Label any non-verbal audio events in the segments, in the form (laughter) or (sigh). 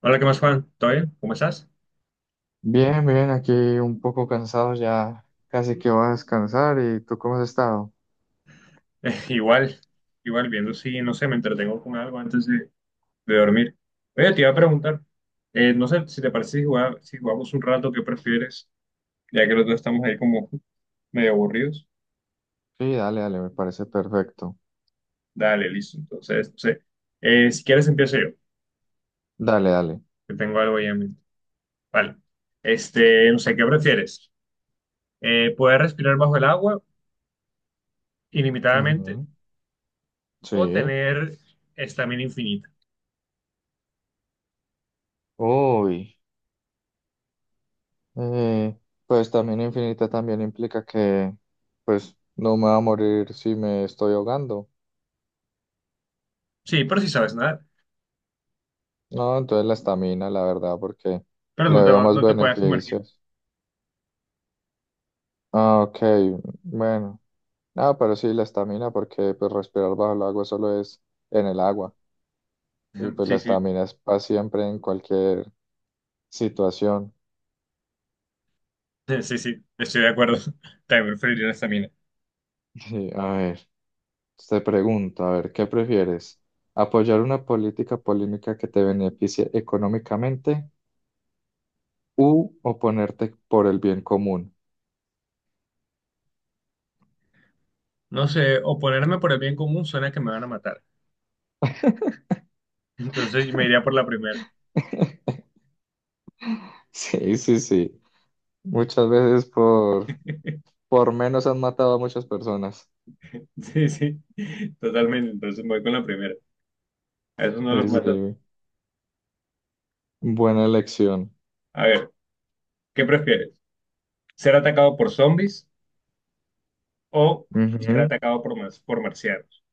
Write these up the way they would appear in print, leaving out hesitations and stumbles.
Hola, ¿qué más, Juan? ¿Todo bien? ¿Cómo estás? (laughs) Bien, bien, aquí un poco cansado ya, casi que voy a descansar. ¿Y tú cómo has estado? Eh, igual, igual viendo si, no sé, me entretengo con algo de dormir. Oye, te iba a preguntar, no sé si te parece si jugamos, si jugamos un rato, ¿qué prefieres? Ya que los dos estamos ahí como medio aburridos. Sí, dale, dale, me parece perfecto. Dale, listo. Entonces, no sé, si quieres empiezo yo, Dale, dale. que tengo algo ahí en mente. Vale. Este, no sé, ¿qué prefieres? ¿poder respirar bajo el agua ilimitadamente Ujú, o sí. tener estamina infinita? Uy. eh, pues también infinita también implica que, pues, no me va a morir si me estoy ahogando. Sí, pero si sabes nadar, No, entonces la estamina, la verdad, porque le veo más no te puedes sumergir. beneficios. Ah, ok, bueno. Ah, pero sí, la estamina, porque pues respirar bajo el agua solo es en el agua. Y pues la Sí, sí, estamina es para siempre en cualquier situación. (laughs) sí, sí, estoy de acuerdo. (laughs) También preferiría esa mina. (laughs) Y, a ver, te pregunto, a ver, ¿qué prefieres? ¿Apoyar una política polémica que te beneficie económicamente u oponerte por el bien común? No sé, o ponerme por el bien común suena que me van a matar. Entonces me iría por la primera. (laughs) (laughs) Sí, sí, sí. Muchas veces por, menos han matado a muchas personas. Sí, sí, totalmente. Entonces me voy con la primera. A esos no los Sí, matan. sí. Buena elección. A ver, ¿qué prefieres? ¿Ser atacado por zombies o ser Ujú. atacado por marcianos?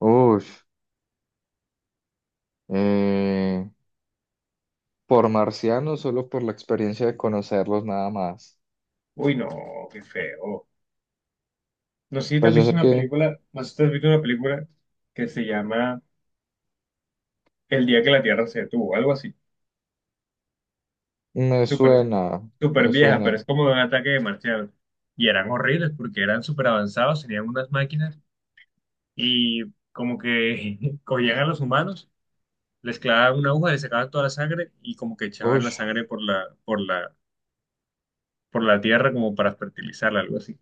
Ush. Eh, por marcianos, solo por la experiencia de conocerlos, nada más. Uy, no, qué feo. Pues yo sé que No sé si te has visto una película que se llama El día que la Tierra se detuvo, algo así. me Súper, suena, súper me vieja, pero suena. es como de un ataque de marcianos. Y eran horribles porque eran súper avanzados, tenían unas máquinas y como que (laughs) cogían a los humanos, les clavaban una aguja, les sacaban toda la sangre y como que echaban Uy, la sangre por la tierra como para fertilizarla, algo así.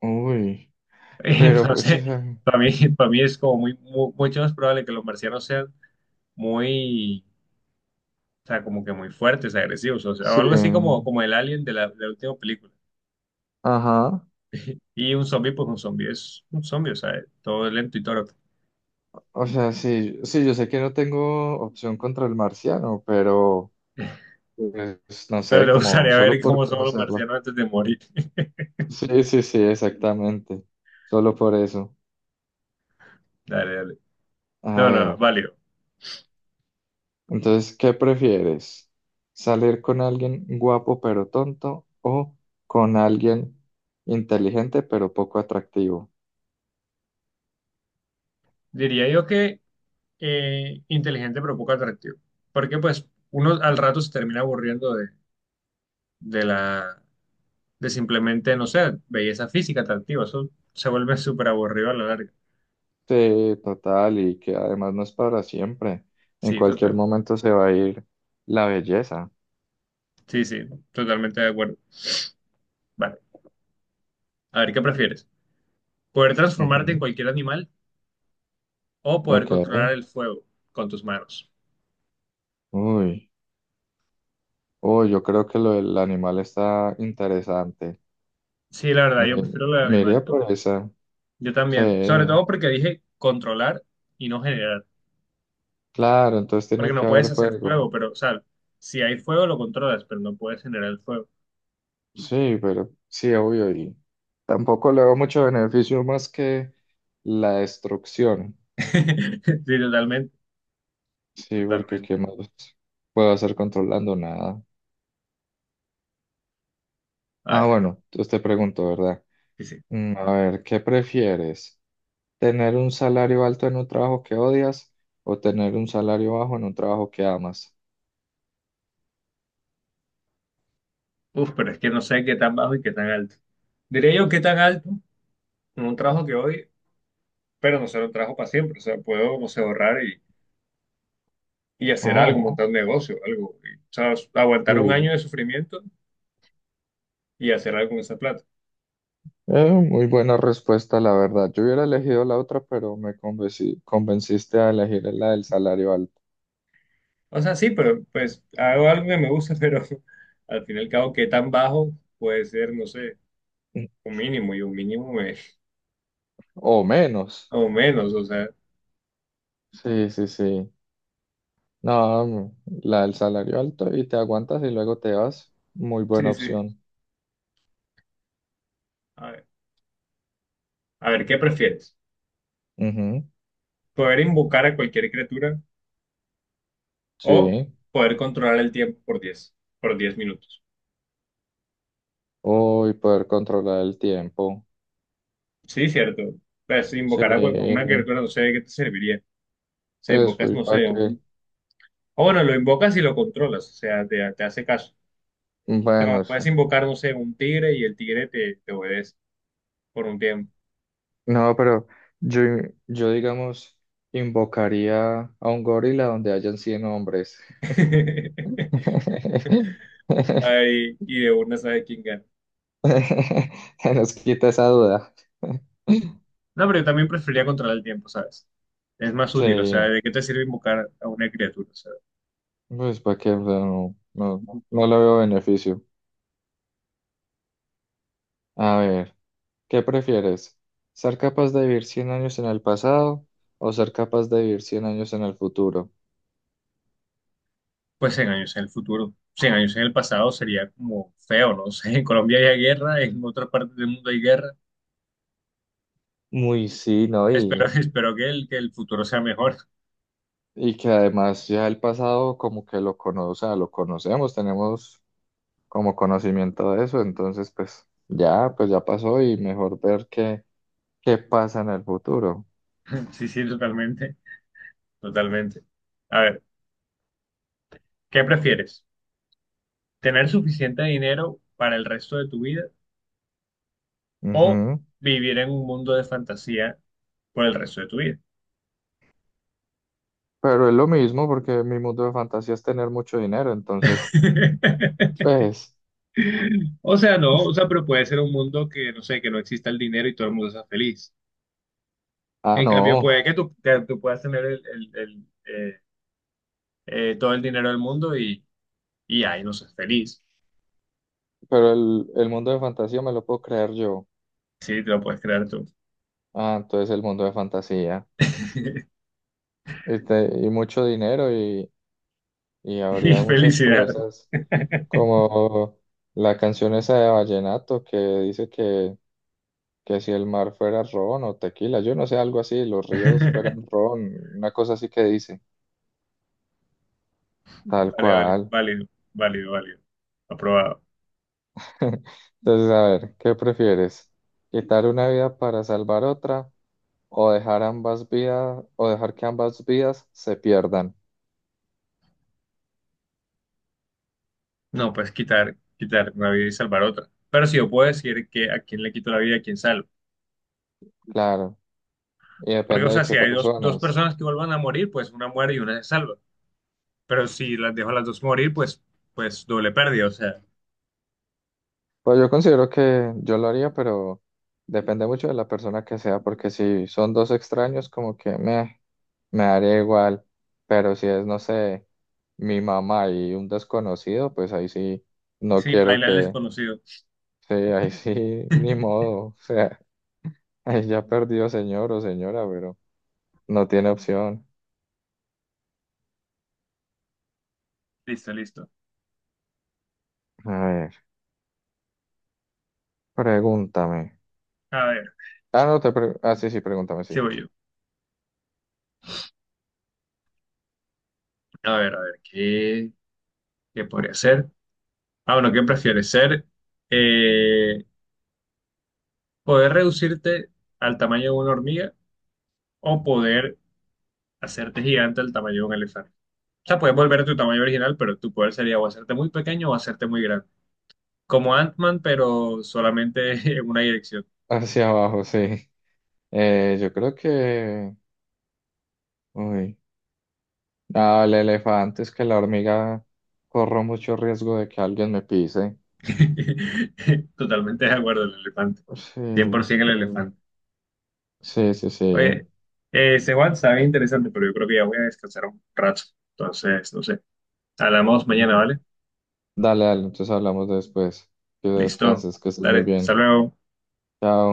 uy. (laughs) Pero pues, o Entonces, sea, para mí, para mí es como mucho más probable que los marcianos sean muy, o sea, como que muy fuertes, agresivos, o sea, algo así como, sí. como el alien de la última película. Ajá. Y un zombie, pues un zombie es un zombie, o sea, es todo lento y todo. O sea, sí, sí, yo sé que no tengo opción contra el marciano, pero pues, no Pero sé, te como gustaría solo ver (laughs) por cómo son los conocerlo. marcianos antes de morir. Sí, sí, sí, exactamente. Solo por eso. (laughs) Dale, dale. A No, no, no, ver. válido. Entonces, ¿qué prefieres? ¿Salir con alguien guapo pero tonto o con alguien inteligente pero poco atractivo? Diría yo que inteligente pero poco atractivo. Porque pues uno al rato se termina aburriendo de la, de simplemente, no sé, belleza física atractiva. Eso se vuelve (laughs) súper aburrido a la larga. Sí, total, y que además no es para siempre. En Sí, cualquier total. momento se va a ir la belleza. Sí, sí, totalmente de acuerdo. Vale. A ver, ¿qué prefieres? ¿Poder transformarte en Ujú, cualquier animal o poder ok. controlar el fuego con tus manos? Uy. Uy, yo creo que lo del animal está interesante. Sí, la verdad, yo Me, prefiero la de me alemán iría también. por esa. Yo Sí. también, sobre todo porque dije controlar y no generar, Claro, entonces porque tiene que no puedes haber hacer fuego. fuego, pero, o sea, si hay fuego lo controlas, pero no puedes generar el fuego. Sí, pero sí, obvio. Y tampoco le veo mucho beneficio más que la destrucción. (laughs) Sí, totalmente, Sí, porque totalmente. ¿qué más puedo hacer controlando nada? A Ah, ver, bueno, entonces te pregunto, ¿verdad? sí, sí. A ver, ¿qué prefieres? ¿Tener un salario alto en un trabajo que odias o tener un salario bajo en un trabajo que amas? Uf, pero es que no sé qué tan bajo y qué tan alto. Diría yo qué tan alto en un trabajo que hoy, pero no será un trabajo para siempre, o sea, puedo, como se ahorrar y hacer algo, Oh, montar un negocio, algo, y, o sea, aguantar un año sí. de sufrimiento y hacer algo con esa plata. Muy buena respuesta, la verdad. Yo hubiera elegido la otra, pero convenciste a elegir la del salario alto. O sea, sí, pero pues hago algo que me gusta, (laughs) pero al fin y al cabo, ¿qué tan bajo puede ser? No sé, un mínimo y un mínimo me- O menos. o menos, o sea, Sí, sí, sí. No, la del salario alto y te aguantas y luego te vas. Muy buena sí, sí. opción. A ver, a ver, ¿qué prefieres? Ujú, ¿Poder invocar a cualquier criatura o sí. poder controlar el tiempo por 10 minutos? O y poder controlar el tiempo. Sí, cierto. Pues si Sí. invocar a cual- a una criatura no sé de qué te serviría. Se Eso, invocas, ¿y no para sé, qué? un... O bueno, lo invocas y lo controlas, o sea, te hace caso. Pero Bueno, sí. puedes invocar, no sé, un tigre y el tigre te obedece por un tiempo. No, pero yo, yo digamos, invocaría a un gorila donde hayan 100 hombres. (laughs) (laughs) Ay, y de una sabe quién gana. Nos quita esa duda. No, pero yo también preferiría controlar el tiempo, ¿sabes? Es más útil, o sea, Sí, ¿de qué te sirve invocar a una criatura? O sea, pues para qué, o sea, no, no, como, no le veo beneficio. A ver, ¿qué prefieres? ¿Ser capaz de vivir 100 años en el pasado o ser capaz de vivir 100 años en el futuro? pues 100 años en el futuro, 100 años en el pasado sería como feo, ¿no? (laughs) O sea, en Colombia hay guerra, en otras partes del mundo hay guerra. Muy sí, ¿no? Espero, (laughs) Y espero que el futuro sea mejor. (laughs) y que además ya el pasado como que o sea, lo conocemos, tenemos como conocimiento de eso, entonces pues ya pasó y mejor ver qué, pasa en el futuro. Sí, sí, totalmente, totalmente. A ver, ¿qué prefieres? ¿Tener suficiente dinero para el resto de tu vida o Ujú. vivir en un mundo de fantasía por el resto de tu vida? Pero es lo mismo porque mi mundo de fantasía es tener mucho dinero, entonces (laughs) pues, O sea, no, o sea, pero puede ser un mundo que, no sé, que no exista el dinero y todo el mundo sea feliz. ah, En cambio, no, puede que tú puedas tener todo el dinero del mundo y ahí no seas feliz. pero el mundo de fantasía me lo puedo crear yo. Sí, te lo puedes crear tú. Ah, entonces el mundo de fantasía. (laughs) Y mucho dinero y, Y habría muchas felicidad. cosas. (laughs) Como la canción esa de Vallenato que dice que si el mar fuera ron o tequila, yo no sé, algo así, los ríos fueran ron, una cosa así que dice, tal Vale, vale, cual. válido, válido, válido. Aprobado. (laughs) Entonces, a ver, ¿qué prefieres? ¿Quitar una vida para salvar otra o dejar ambas vidas o dejar que ambas vidas se pierdan? No, pues quitar, quitar una vida y salvar otra. Pero si yo puedo decir que a quién le quito la vida y a quién salvo. Claro, y Porque, o depende de sea, qué si hay dos, dos personas. personas que vuelvan a morir, pues una muere y una se salva. Pero si las dejo a las dos morir, pues doble pérdida. O sea, Pues yo considero que yo lo haría, pero depende mucho de la persona que sea, porque si son dos extraños, como que meh. Me daría igual, pero si es, no sé, mi mamá y un desconocido, pues ahí sí, no sí, quiero paila el que, desconocido. sí, ahí sí, (laughs) ni modo, o sea, (laughs) ahí ya perdió señor o señora, pero no tiene opción. Listo, listo. A ver, pregúntame. A ver, Ah, no, ah, sí, sí, pregúntame, sí sí. voy yo. A ver, ¿qué podría ser? Ah, bueno, ¿qué prefieres ser? Eh, ¿poder reducirte al tamaño de una hormiga o poder hacerte gigante al tamaño de un elefante? O sea, puedes volver a tu tamaño original, pero tu poder sería o hacerte muy pequeño o hacerte muy grande. Como Ant-Man, pero solamente (laughs) en una dirección. (laughs) Hacia abajo, sí. Yo creo que, uy, ah, el elefante es que la hormiga corro mucho riesgo de que alguien me pise. (laughs) Totalmente de acuerdo, el elefante. Sí, 100% el elefante. sí, sí, Oye, ese WhatsApp es interesante, pero yo creo que ya voy a descansar un rato. Entonces, no sé. Hablamos sí. mañana, ¿vale? Dale, dale, entonces hablamos después. Que Listo. descanses, que estés muy Dale, hasta bien. luego. Chao.